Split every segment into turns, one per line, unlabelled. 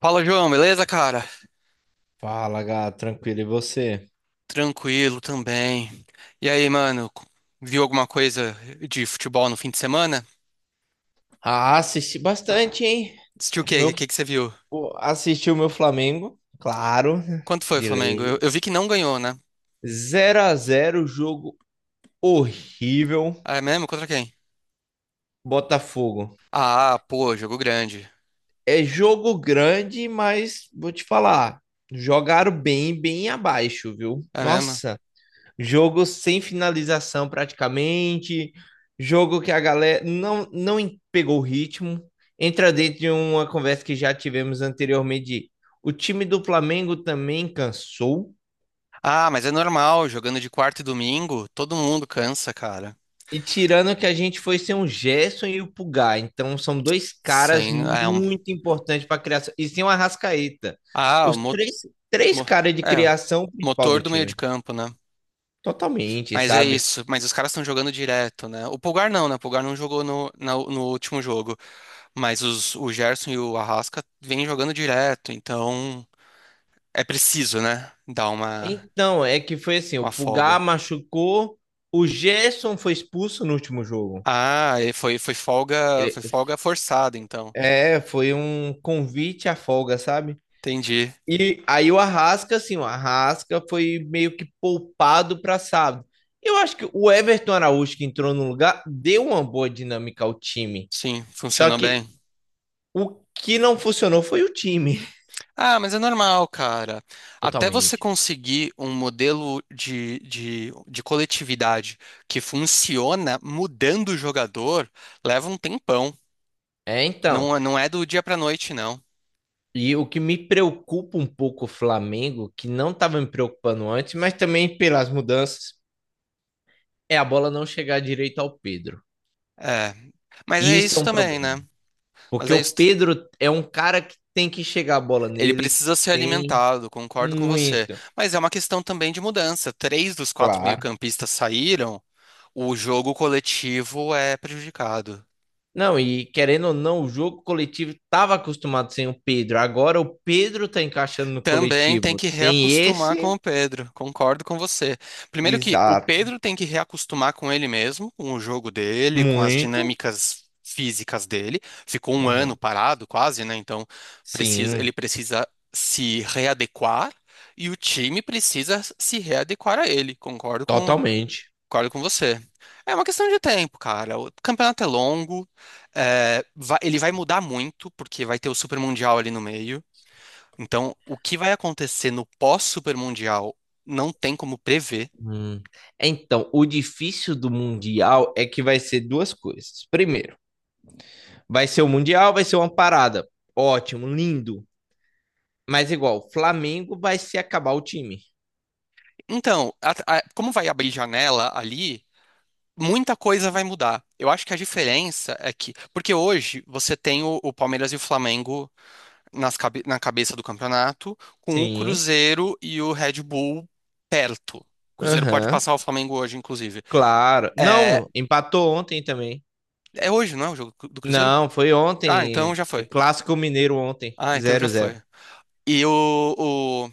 Fala, João, beleza, cara?
Fala, gato, tranquilo, e você?
Tranquilo também. E aí, mano, viu alguma coisa de futebol no fim de semana?
Ah, assisti bastante, hein?
Assistiu o quê?
Meu,
O que que você viu?
pô, assisti o meu Flamengo, claro,
Quanto foi o
de
Flamengo? Eu,
lei.
eu vi que não ganhou, né?
0 a zero, jogo horrível,
Ah, é mesmo? Contra quem?
Botafogo.
Ah, pô, jogo grande.
É jogo grande, mas vou te falar, jogaram bem, bem abaixo, viu?
É mesmo?
Nossa, jogo sem finalização praticamente, jogo que a galera não pegou o ritmo. Entra dentro de uma conversa que já tivemos anteriormente de o time do Flamengo também cansou.
Ah, mas é normal, jogando de quarta e domingo, todo mundo cansa, cara.
E tirando que a gente foi ser um Gerson e o Pulgar. Então são dois caras
Sem. É, um,
muito importantes para a criação. E sem o Arrascaeta.
ah, o
Os
mo,
três, três
mo-
caras de
é, o
criação principal do
motor do meio de
time.
campo, né?
Totalmente,
Mas é
sabe?
isso, mas os caras estão jogando direto, né? O Pulgar não, né? O Pulgar não jogou no último jogo. Mas o Gerson e o Arrasca vêm jogando direto, então é preciso, né? Dar
Então, é que foi assim, o
uma folga.
Pulgar machucou, o Gerson foi expulso no último jogo.
Ah,
Ele-
foi folga forçada, então.
É, foi um convite à folga, sabe?
Entendi.
E aí o Arrasca, assim, o Arrasca foi meio que poupado para sábado. Eu acho que o Everton Araújo que entrou no lugar deu uma boa dinâmica ao time.
Sim,
Só
funcionou
que
bem.
o que não funcionou foi o time,
Ah, mas é normal, cara. Até você
totalmente.
conseguir um modelo de coletividade que funciona mudando o jogador, leva um tempão.
É, então.
Não, não é do dia pra noite, não.
E o que me preocupa um pouco o Flamengo, que não estava me preocupando antes, mas também pelas mudanças, é a bola não chegar direito ao Pedro.
É. Mas
E
é
isso é
isso
um
também,
problema.
né? Mas
Porque
é
o
isso.
Pedro é um cara que tem que chegar a bola
Ele
nele,
precisa ser
tem
alimentado, concordo com você.
muito.
Mas é uma questão também de mudança. Três dos quatro
Claro.
meio-campistas saíram, o jogo coletivo é prejudicado.
Não, e querendo ou não, o jogo coletivo estava acostumado sem o Pedro. Agora o Pedro está encaixando no
Também tem
coletivo.
que
Tem
reacostumar
esse.
com o Pedro, concordo com você. Primeiro que o
Exato.
Pedro tem que reacostumar com ele mesmo, com o jogo dele, com as
Muito.
dinâmicas físicas dele. Ficou um ano
Aham.
parado, quase, né? Então precisa, ele
Sim,
precisa se readequar e o time precisa se readequar a ele.
totalmente.
Concordo com você. É uma questão de tempo, cara. O campeonato é longo, é, ele vai mudar muito, porque vai ter o Super Mundial ali no meio. Então, o que vai acontecer no pós-Super Mundial não tem como prever.
Hum. Então, o difícil do Mundial é que vai ser duas coisas. Primeiro, vai ser o Mundial, vai ser uma parada. Ótimo, lindo. Mas igual, Flamengo vai se acabar o time.
Então, como vai abrir janela ali, muita coisa vai mudar. Eu acho que a diferença é que. Porque hoje você tem o Palmeiras e o Flamengo na cabeça do campeonato, com o
Sim.
Cruzeiro e o Red Bull perto. O Cruzeiro pode
Aham.
passar o Flamengo hoje, inclusive.
Claro.
É,
Não, empatou ontem também.
é hoje, não é o jogo do Cruzeiro?
Não, foi
Ah, então
ontem.
já
É
foi.
Clássico Mineiro ontem.
Ah, então já
Zero zero.
foi. E o, o-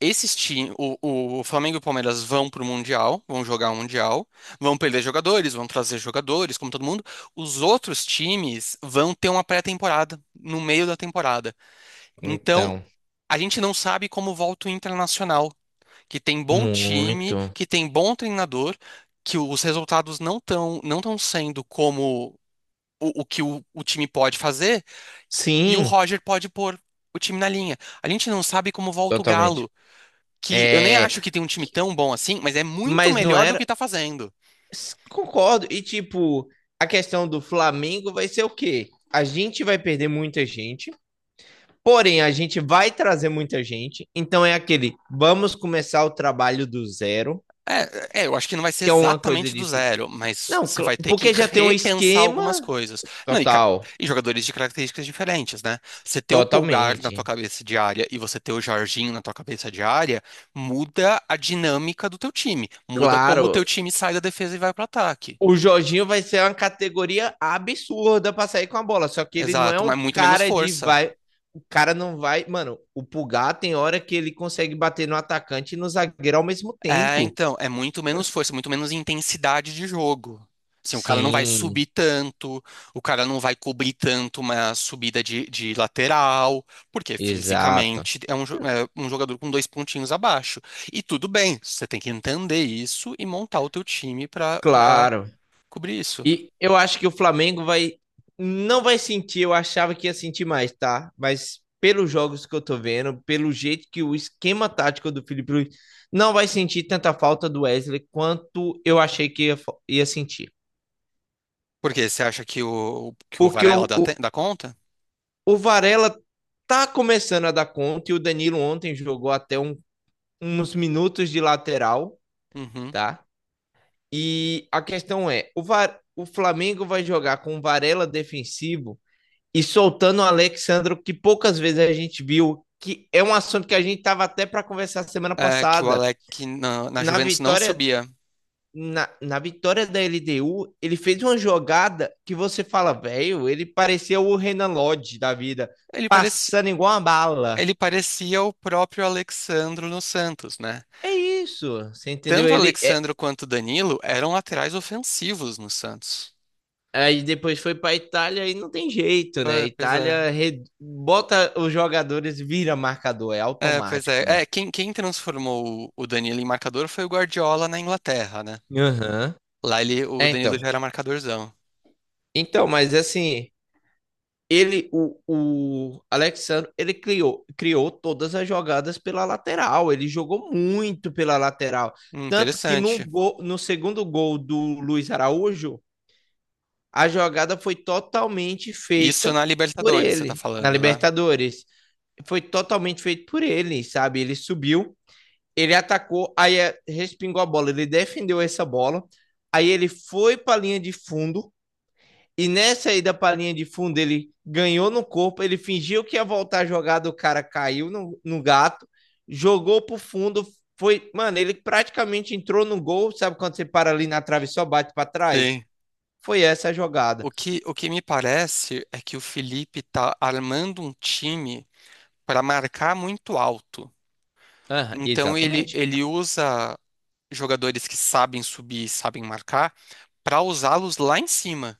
Esses times, o Flamengo e o Palmeiras vão pro Mundial, vão jogar o Mundial, vão perder jogadores, vão trazer jogadores, como todo mundo. Os outros times vão ter uma pré-temporada no meio da temporada. Então,
Então,
a gente não sabe como volta o Internacional, que tem bom
muito.
time, que tem bom treinador, que os resultados não estão sendo como o que o time pode fazer. E o
Sim,
Roger pode pôr o time na linha. A gente não sabe como volta o
totalmente.
Galo, que eu nem
É.
acho que tem um time tão bom assim, mas é muito
Mas não
melhor do que
era.
tá fazendo.
Concordo. E, tipo, a questão do Flamengo vai ser o quê? A gente vai perder muita gente, porém, a gente vai trazer muita gente. Então, é aquele, vamos começar o trabalho do zero,
É, é, eu acho que não vai ser
que é uma coisa
exatamente do
difícil.
zero, mas
Não,
você vai ter que
porque já tem um
repensar
esquema
algumas coisas. Não,
total,
e jogadores de características diferentes, né? Você ter o Pulgar na tua
totalmente.
cabeça de área e você ter o Jorginho na tua cabeça de área, muda a dinâmica do teu time, muda como o teu
Claro,
time sai da defesa e vai pro ataque.
o Jorginho vai ser uma categoria absurda pra sair com a bola. Só que ele não é
Exato,
um
mas muito menos
cara de
força.
vai. O cara não vai. Mano, o Pulgar tem hora que ele consegue bater no atacante e no zagueiro ao mesmo
É,
tempo.
então, é muito menos força, muito menos intensidade de jogo. Assim, o cara não vai
Sim,
subir tanto, o cara não vai cobrir tanto uma subida de lateral, porque
exato.
fisicamente é é um jogador com dois pontinhos abaixo. E tudo bem, você tem que entender isso e montar o teu time para
Claro.
cobrir isso.
E eu acho que o Flamengo vai. Não vai sentir, eu achava que ia sentir mais, tá? Mas pelos jogos que eu tô vendo, pelo jeito que o esquema tático do Felipe Luiz não vai sentir tanta falta do Wesley quanto eu achei que ia sentir.
Porque você acha que que o
Porque o,
Varela
o,
dá conta?
o Varela tá começando a dar conta e o Danilo ontem jogou até um, uns minutos de lateral,
Uhum.
tá? E a questão é, o Flamengo vai jogar com o Varela defensivo e soltando o Alexandro, que poucas vezes a gente viu, que é um assunto que a gente tava até para conversar semana
É, que o
passada.
Alec na
Na
Juventus não
vitória
subia.
na vitória da LDU, ele fez uma jogada que você fala, velho, ele parecia o Renan Lodge da vida,
Ele parecia
passando igual uma bala.
Ele parecia o próprio Alexandro no Santos, né?
É isso, você entendeu?
Tanto o Alexandro quanto o Danilo eram laterais ofensivos no Santos.
Aí depois foi para Itália e não tem jeito, né?
Ah, pois é.
Itália bota os jogadores vira marcador, é
É, pois é.
automático, né?
É, quem transformou o Danilo em marcador foi o Guardiola na Inglaterra, né?
Aham.
Lá ele, o
É,
Danilo
então.
já era marcadorzão.
Então, mas assim, ele, o Alexandre, ele criou, criou todas as jogadas pela lateral. Ele jogou muito pela lateral. Tanto que no,
Interessante.
gol, no segundo gol do Luiz Araújo, a jogada foi totalmente
Isso
feita
na
por
Libertadores, você tá
ele na
falando, né?
Libertadores. Foi totalmente feito por ele, sabe? Ele subiu, ele atacou, aí é, respingou a bola, ele defendeu essa bola, aí ele foi para a linha de fundo, e nessa aí da palhinha de fundo, ele ganhou no corpo, ele fingiu que ia voltar a jogada, o cara caiu no gato, jogou pro fundo, foi, mano, ele praticamente entrou no gol, sabe quando você para ali na trave e só bate para trás?
Sim.
Foi essa a jogada.
O que me parece é que o Felipe tá armando um time para marcar muito alto.
Aham,
Então
exatamente.
ele usa jogadores que sabem subir, sabem marcar, para usá-los lá em cima,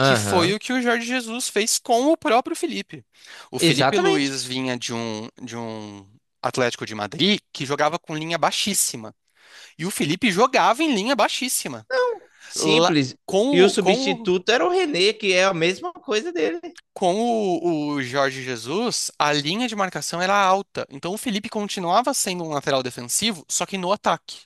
que foi o que o Jorge Jesus fez com o próprio Felipe. O Felipe
exatamente.
Luiz vinha de um Atlético de Madrid que jogava com linha baixíssima, e o Felipe jogava em linha baixíssima.
Não,
Lá-
simples.
com
E o
com o
substituto era o René, que é a mesma coisa dele.
o Jorge Jesus, a linha de marcação era alta, então o Felipe continuava sendo um lateral defensivo, só que no ataque.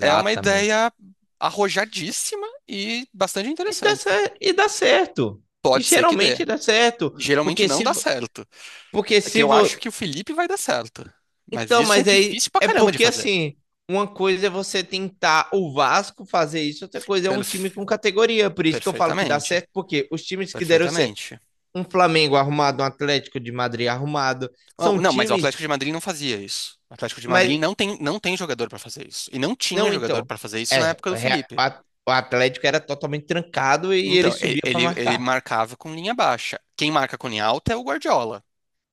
É uma ideia arrojadíssima e bastante
E dá,
interessante.
cer- e dá certo. E
Pode ser que dê.
geralmente dá certo.
Geralmente
porque
não
se
dá certo.
porque
É que
se,
eu acho
vo-
que o Felipe vai dar certo. Mas
Então,
isso é
mas aí
difícil pra
é
caramba de
porque
fazer.
assim, uma coisa é você tentar o Vasco fazer isso, outra coisa é um time com
Perf-
categoria. Por isso que eu falo que dá
Perfeitamente.
certo, porque os times que deram certo,
Perfeitamente.
um Flamengo arrumado, um Atlético de Madrid arrumado,
Não,
são
não, mas o
times,
Atlético de Madrid não fazia isso. O Atlético de Madrid
mas
não tem jogador pra fazer isso. E não tinha
não
jogador
então.
pra fazer isso na
É,
época do Felipe.
a- o Atlético era totalmente trancado e ele
Então,
subia para
ele
marcar.
marcava com linha baixa. Quem marca com linha alta é o Guardiola.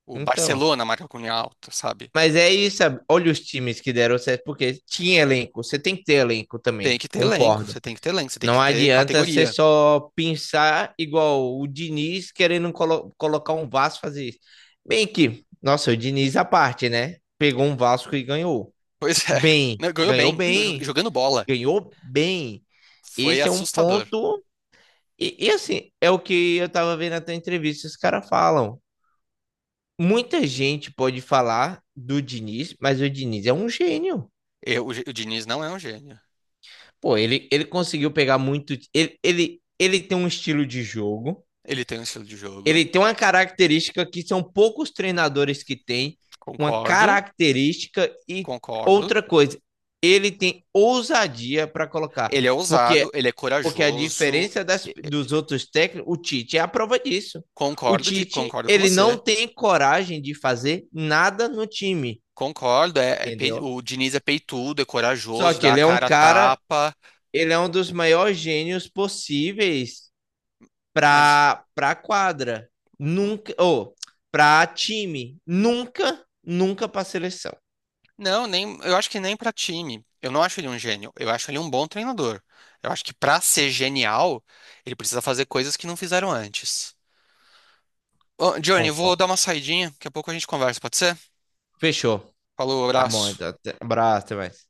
O
Então,
Barcelona marca com linha alta, sabe?
mas é isso, sabe? Olha os times que deram certo, porque tinha elenco, você tem que ter elenco
Tem
também,
que ter elenco,
concordo.
você tem que ter elenco, você tem que
Não
ter
adianta você
categoria.
só pensar igual o Diniz querendo colocar um Vasco fazer isso. Bem que, nossa, o Diniz à parte, né? Pegou um Vasco e ganhou.
Pois é.
Bem,
Não, ganhou
ganhou
bem,
bem,
jogando bola.
ganhou bem.
Foi
Esse é um
assustador.
ponto. E assim, é o que eu tava vendo até entrevista, os caras falam. Muita gente pode falar do Diniz, mas o Diniz é um gênio.
O Diniz não é um gênio.
Pô, ele conseguiu pegar muito. Ele tem um estilo de jogo.
Ele tem um estilo de jogo,
Ele tem uma característica que são poucos treinadores que têm, uma
concordo,
característica e
concordo.
outra coisa, ele tem ousadia para colocar,
Ele é
porque
ousado, ele é
porque a
corajoso.
diferença das,
e- e-
dos outros técnicos, o Tite é a prova disso. O
Concordo,
Tite,
concordo com
ele
você.
não tem coragem de fazer nada no time,
Concordo,
entendeu?
o Diniz é peitudo, é
Só
corajoso,
que
dá a
ele é um
cara a
cara,
tapa,
ele é um dos maiores gênios possíveis
mas
pra quadra. Nunca, ou pra time. Nunca, nunca pra seleção.
Não, nem, eu acho que nem pra time. Eu não acho ele um gênio. Eu acho ele um bom treinador. Eu acho que pra ser genial, ele precisa fazer coisas que não fizeram antes. Ô, Johnny, eu vou
Concordo.
dar uma saidinha. Daqui a pouco a gente conversa, pode ser?
Fechou.
Falou,
Tá bom,
abraço.
então. Abraço, até mais.